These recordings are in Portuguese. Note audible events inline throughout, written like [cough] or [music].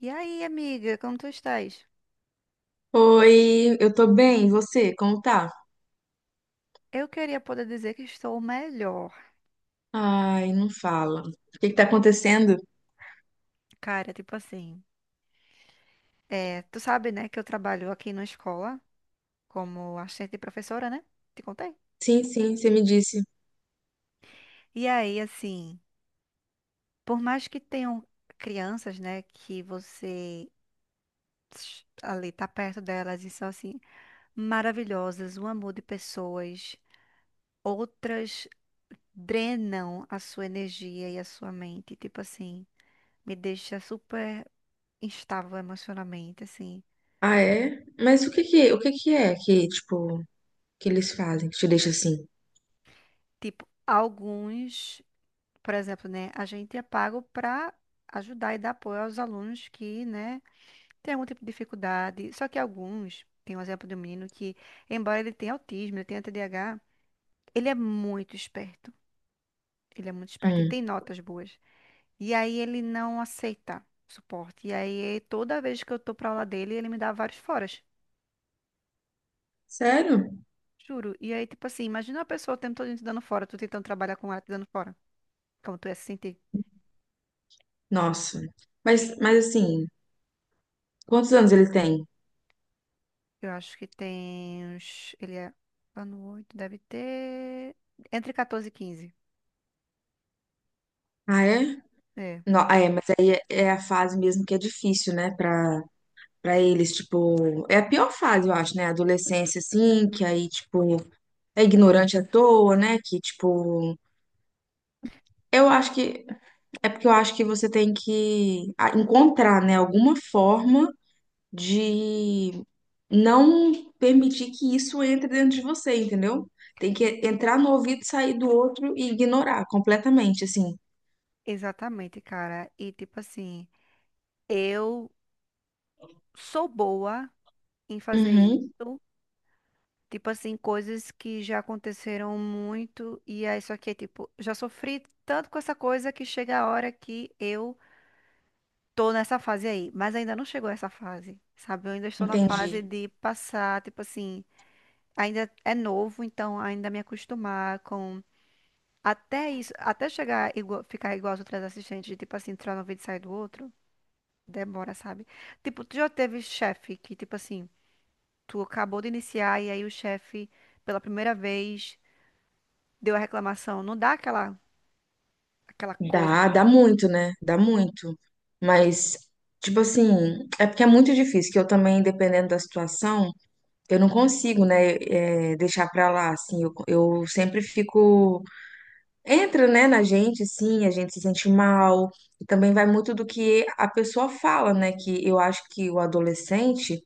E aí, amiga, como tu estás? Oi, eu tô bem, e você? Como tá? Eu queria poder dizer que estou melhor. Ai, não fala. O que que tá acontecendo? Cara, tipo assim, é, tu sabe, né, que eu trabalho aqui na escola como assistente de professora, né? Te contei. Sim, você me disse. E aí, assim, por mais que tenham crianças, né, que ali tá perto delas e são assim maravilhosas, um amor de pessoas, outras drenam a sua energia e a sua mente, tipo assim, me deixa super instável emocionalmente, assim. Ah, é? Mas o que que, que eles fazem que te deixa assim? Tipo, alguns, por exemplo, né, a gente é pago para ajudar e dar apoio aos alunos que, né, têm algum tipo de dificuldade. Só que alguns, tem um exemplo de um menino que, embora ele tenha autismo, ele tenha TDAH, ele é muito esperto. Ele é muito esperto e Hum, tem notas boas. E aí ele não aceita suporte. E aí toda vez que eu tô pra aula dele, ele me dá vários foras. sério? Juro. E aí, tipo assim, imagina uma pessoa o tempo todo te dando fora, tu tentando trabalhar com ela te dando fora. Como tu ia se sentir? Nossa. Mas assim, quantos anos ele tem? Eu acho que tem uns. Ele é ano 8 deve ter. Entre 14 e 15. Ah, é? É, Não, ah, é, mas aí é a fase mesmo que é difícil, né, pra eles, tipo, é a pior fase, eu acho, né, a adolescência, assim, que aí, tipo, é ignorante à toa, né, que, tipo, eu acho que É porque eu acho que você tem que encontrar, né, alguma forma de não permitir que isso entre dentro de você, entendeu? Tem que entrar no ouvido, sair do outro e ignorar completamente, assim. exatamente, cara. E tipo assim, eu sou boa em fazer Uhum, isso. Tipo assim, coisas que já aconteceram muito. E aí, só que, tipo, já sofri tanto com essa coisa que chega a hora que eu tô nessa fase aí. Mas ainda não chegou essa fase, sabe? Eu ainda estou na entendi. fase de passar, tipo assim. Ainda é novo, então ainda me acostumar com Até isso, até chegar igual, ficar igual aos outros assistentes, de, tipo assim, entrar no vídeo e sair do outro, demora, sabe? Tipo, tu já teve chefe que, tipo assim, tu acabou de iniciar e aí o chefe, pela primeira vez, deu a reclamação. Não dá aquela coisa no Dá, dá coração. muito, né? Dá muito. Mas, tipo assim, é porque é muito difícil, que eu também, dependendo da situação, eu não consigo, né, deixar pra lá, assim. Eu sempre fico entra, né, na gente, sim, a gente se sente mal, e também vai muito do que a pessoa fala, né, que eu acho que o adolescente,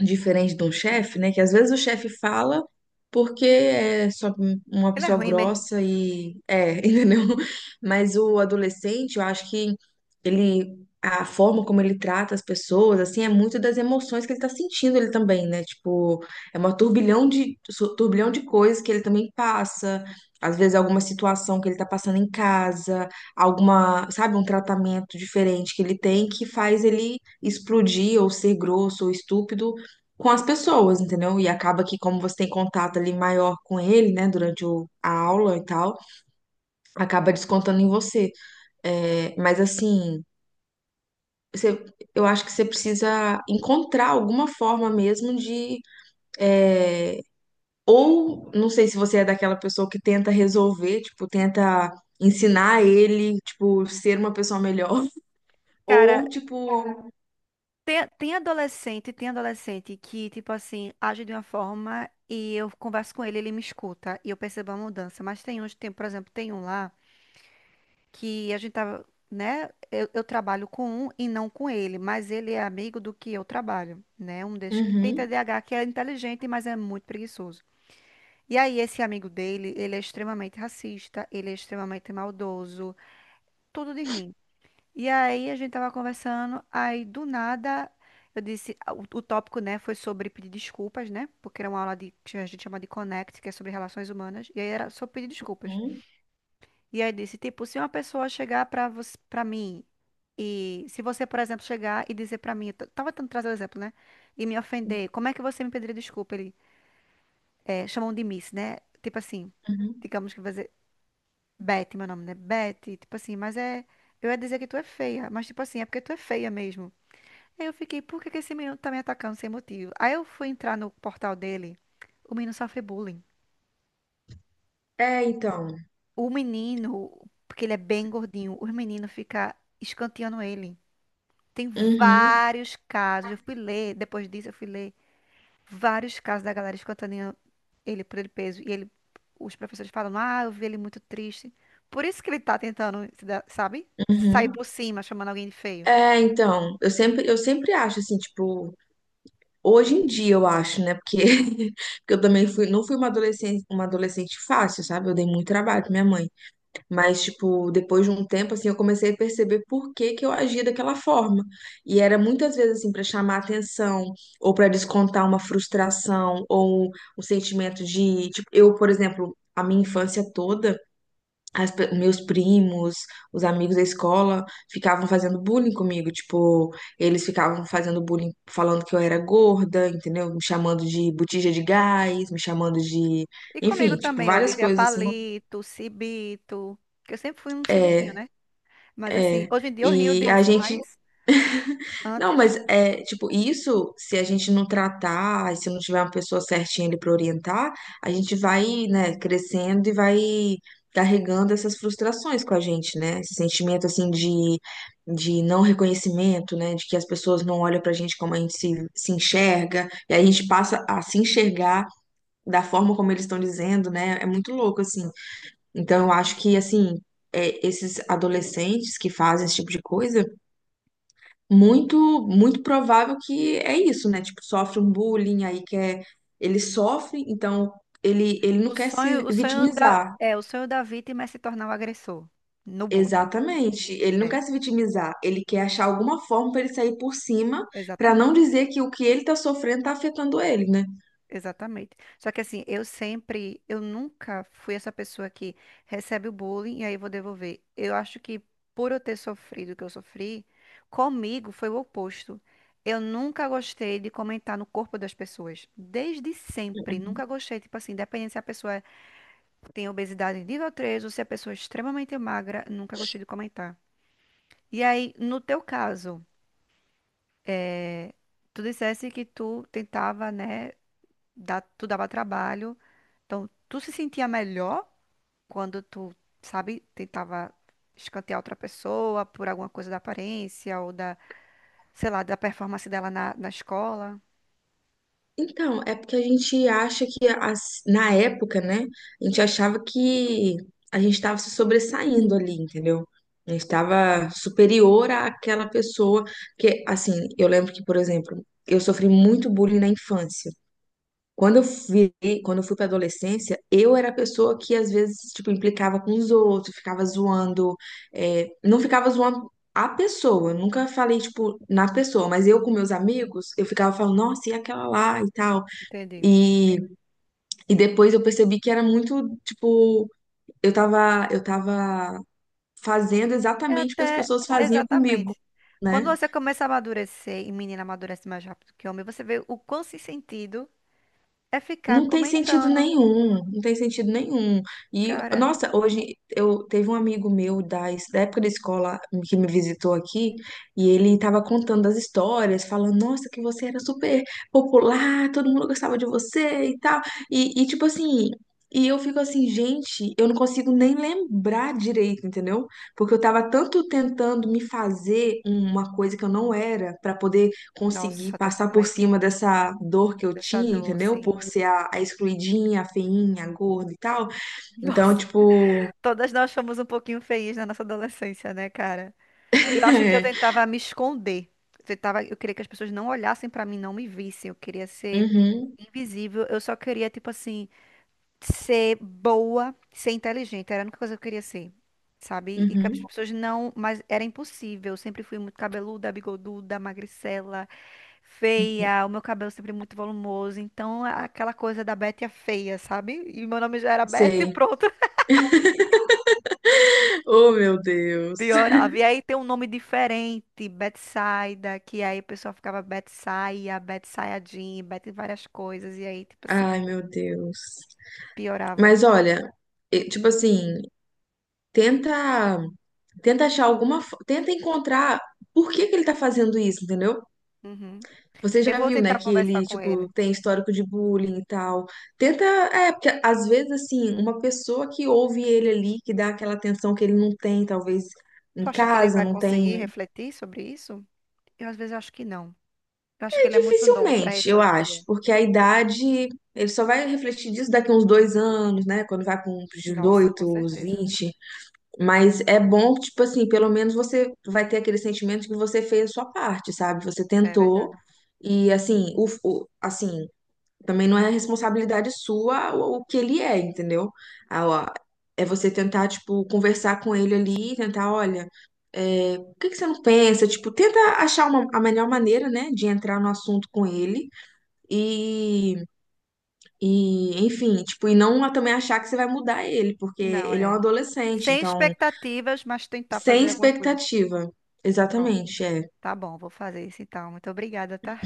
diferente de um chefe, né? Que às vezes o chefe fala porque é só uma Ele é pessoa ruim mesmo. grossa e é, [laughs] entendeu? Mas o adolescente, eu acho que ele a forma como ele trata as pessoas, assim, é muito das emoções que ele tá sentindo ele também, né? Tipo, é uma turbilhão turbilhão de coisas que ele também passa. Às vezes alguma situação que ele tá passando em casa, alguma, sabe, um tratamento diferente que ele tem que faz ele explodir ou ser grosso ou estúpido com as pessoas, entendeu? E acaba que, como você tem contato ali maior com ele, né, durante a aula e tal, acaba descontando em você. É, mas assim, você- eu acho que você precisa encontrar alguma forma mesmo de. É, ou, não sei se você é daquela pessoa que tenta resolver, tipo, tenta ensinar ele, tipo, ser uma pessoa melhor, [laughs] Cara, ou tipo. tem adolescente que, tipo assim, age de uma forma e eu converso com ele, ele me escuta e eu percebo a mudança. Mas tem uns, tem, por exemplo, tem um lá. Que a gente tava, né? Eu trabalho com um e não com ele, mas ele é amigo do que eu trabalho, né? Um desses que tem Uhum, TDAH, que é inteligente, mas é muito preguiçoso. E aí, esse amigo dele, ele é extremamente racista, ele é extremamente maldoso, tudo de ruim. E aí, a gente tava conversando, aí do nada. Eu disse, ah, o tópico, né, foi sobre pedir desculpas, né? Porque era uma aula de, que a gente chama de Connect, que é sobre relações humanas, e aí era sobre pedir desculpas. uhum, E aí disse, tipo, se uma pessoa chegar para você, para mim e se você, por exemplo, chegar e dizer para mim, eu tava tentando trazer o exemplo, né? E me ofender, como é que você me pediria desculpa? Ele é, chamam de Miss, né? Tipo assim, uhum. digamos que vai dizer Beth, meu nome, né? Beth, tipo assim, mas é eu ia dizer que tu é feia, mas tipo assim, é porque tu é feia mesmo. Aí eu fiquei, por que que esse menino tá me atacando sem motivo? Aí eu fui entrar no portal dele, o menino sofre bullying. É, então. O menino, porque ele é bem gordinho, o menino fica escanteando ele. Tem Uhum, vários casos. Eu fui ler, depois disso eu fui ler vários casos da galera escutando ele por ele peso. E ele, os professores falam, ah, eu vi ele muito triste. Por isso que ele tá tentando, se dar- sabe? Sair uhum. por cima, chamando alguém de feio. É, então, eu sempre acho assim, tipo, hoje em dia eu acho, né? Porque, [laughs] porque não fui uma adolescente fácil, sabe? Eu dei muito trabalho pra minha mãe. Mas, tipo, depois de um tempo, assim, eu comecei a perceber por que que eu agia daquela forma. E era muitas vezes, assim, pra chamar atenção, ou pra descontar uma frustração, ou um sentimento de, tipo, eu, por exemplo, a minha infância toda meus primos, os amigos da escola ficavam fazendo bullying comigo, tipo, eles ficavam fazendo bullying falando que eu era gorda, entendeu? Me chamando de botija de gás, me chamando de, E comigo enfim, tipo, também, várias Olivia coisas assim. Palito, Cibito. Que eu sempre fui um cibitinho, É, né? Mas assim, é. hoje em dia eu rio E a disso, gente... mas Não, antes. mas é, tipo, isso, se a gente não tratar, se não tiver uma pessoa certinha ali para orientar, a gente vai, né, crescendo e vai carregando essas frustrações com a gente, né? Esse sentimento, assim, de não reconhecimento, né? De que as pessoas não olham pra gente como a gente se enxerga, e aí a gente passa a se enxergar da forma como eles estão dizendo, né? É muito louco, assim. Então, eu acho que, Exatamente. assim, é, esses adolescentes que fazem esse tipo de coisa muito muito provável que é isso, né? Tipo, sofre um bullying aí quer... ele sofre, então ele O não quer sonho, se o sonho da, vitimizar. é, o sonho da vítima é se tornar o agressor no bullying. Exatamente. Ele não É, quer se vitimizar, ele quer achar alguma forma para ele sair por cima, para não exatamente. dizer que o que ele tá sofrendo tá afetando ele, né? Exatamente. Só que assim, eu nunca fui essa pessoa que recebe o bullying e aí vou devolver. Eu acho que por eu ter sofrido o que eu sofri, comigo foi o oposto. Eu nunca gostei de comentar no corpo das pessoas. Desde sempre. Nunca gostei, tipo assim, independente se a pessoa tem obesidade nível 3 ou se a pessoa é extremamente magra, nunca gostei de comentar. E aí, no teu caso, tu dissesse que tu tentava, né, dar, tu dava trabalho. Então, tu se sentia melhor quando tu, sabe, tentava escantear outra pessoa por alguma coisa da aparência ou da, sei lá, da performance dela na escola. Então, é porque a gente acha que na época, né, a gente achava que a gente estava se sobressaindo ali, entendeu? A gente estava superior àquela pessoa que, assim, eu lembro que, por exemplo, eu sofri muito bullying na infância. Quando eu fui, quando eu fui para adolescência, eu era a pessoa que às vezes, tipo, implicava com os outros, ficava zoando, é, não ficava zoando a pessoa, eu nunca falei, tipo, na pessoa, mas eu com meus amigos, eu ficava falando, nossa, e aquela lá e tal. Entendi. E, e depois eu percebi que era muito, tipo, eu tava fazendo É exatamente o que as até, pessoas faziam comigo, exatamente. né? Quando você começa a amadurecer, e menina amadurece mais rápido que homem, você vê o quão sem sentido é ficar Não tem sentido comentando. nenhum, não tem sentido nenhum. E, Cara, nossa, hoje eu teve um amigo meu da época da escola que me visitou aqui, e ele tava contando as histórias, falando, nossa, que você era super popular, todo mundo gostava de você e tal. E tipo assim, e eu fico assim, gente, eu não consigo nem lembrar direito, entendeu? Porque eu tava tanto tentando me fazer uma coisa que eu não era, pra poder conseguir nossa, passar por totalmente. cima dessa dor que eu Dessa tinha, dor, entendeu? Por assim. ser a excluidinha, a feinha, a gorda e tal. Nossa, Então, tipo. [laughs] todas nós fomos um pouquinho feias na nossa adolescência, né, cara? Eu acho que eu [laughs] É, tentava me esconder. Eu queria que as pessoas não olhassem pra mim, não me vissem. Eu queria ser uhum, invisível. Eu só queria, tipo assim, ser boa, ser inteligente. Era a única coisa que eu queria ser, sabe? E que as uhum, pessoas não, mas era impossível. Eu sempre fui muito cabeluda, bigoduda, magricela, feia. O meu cabelo sempre muito volumoso. Então, aquela coisa da Betty a feia, sabe? E meu nome já era Betty, sei. pronto. Oh, meu Deus. Piorava. E aí tem um nome diferente, Betsaida, que aí o pessoal ficava Betsaia, Betsaia Jean, Bet várias coisas. E aí, tipo assim, Ai, meu Deus. piorava. Mas olha, tipo assim, tenta. Tenta achar alguma. Tenta encontrar por que que ele tá fazendo isso, entendeu? Uhum. Você Eu já vou viu, né, tentar que conversar ele, com tipo, ele. tem histórico de bullying e tal. Tenta, é, porque às vezes, assim, uma pessoa que ouve ele ali, que dá aquela atenção que ele não tem, talvez Tu em acha que ele casa, vai não conseguir tem. refletir sobre isso? Eu às vezes acho que não. Eu acho que É, ele é muito novo para dificilmente, eu acho, refletir. porque a idade, ele só vai refletir disso daqui a uns 2 anos, né, quando vai com uns Nossa, com 18 uns certeza. 20. Mas é bom, tipo assim, pelo menos você vai ter aquele sentimento de que você fez a sua parte, sabe? Você É tentou. verdade. E assim, assim, também não é responsabilidade sua o que ele é, entendeu? Ah, ó, é você tentar, tipo, conversar com ele ali, tentar, olha, é, por que que você não pensa? Tipo, tenta achar a melhor maneira, né, de entrar no assunto com ele e, e, enfim, tipo, e não também achar que você vai mudar ele, porque Não, ele é um é. adolescente, Sem então, expectativas, mas tentar sem fazer alguma coisa. expectativa. Pronto. Exatamente, é. Tá bom, vou fazer isso então. Muito obrigada, tá?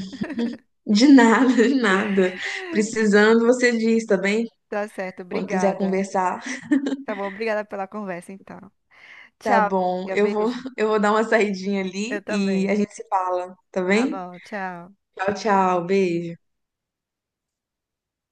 De nada, [laughs] de nada. Precisando, você diz, tá bem? Tá certo, Quando quiser obrigada. conversar. Tá bom, obrigada pela conversa então. Tá Tchau, bom. amiga. Eu vou, Beijo. [laughs] eu vou dar uma saidinha Eu ali e a também. gente se fala, tá Tá bem? bom, tchau. Tchau, tchau. Beijo.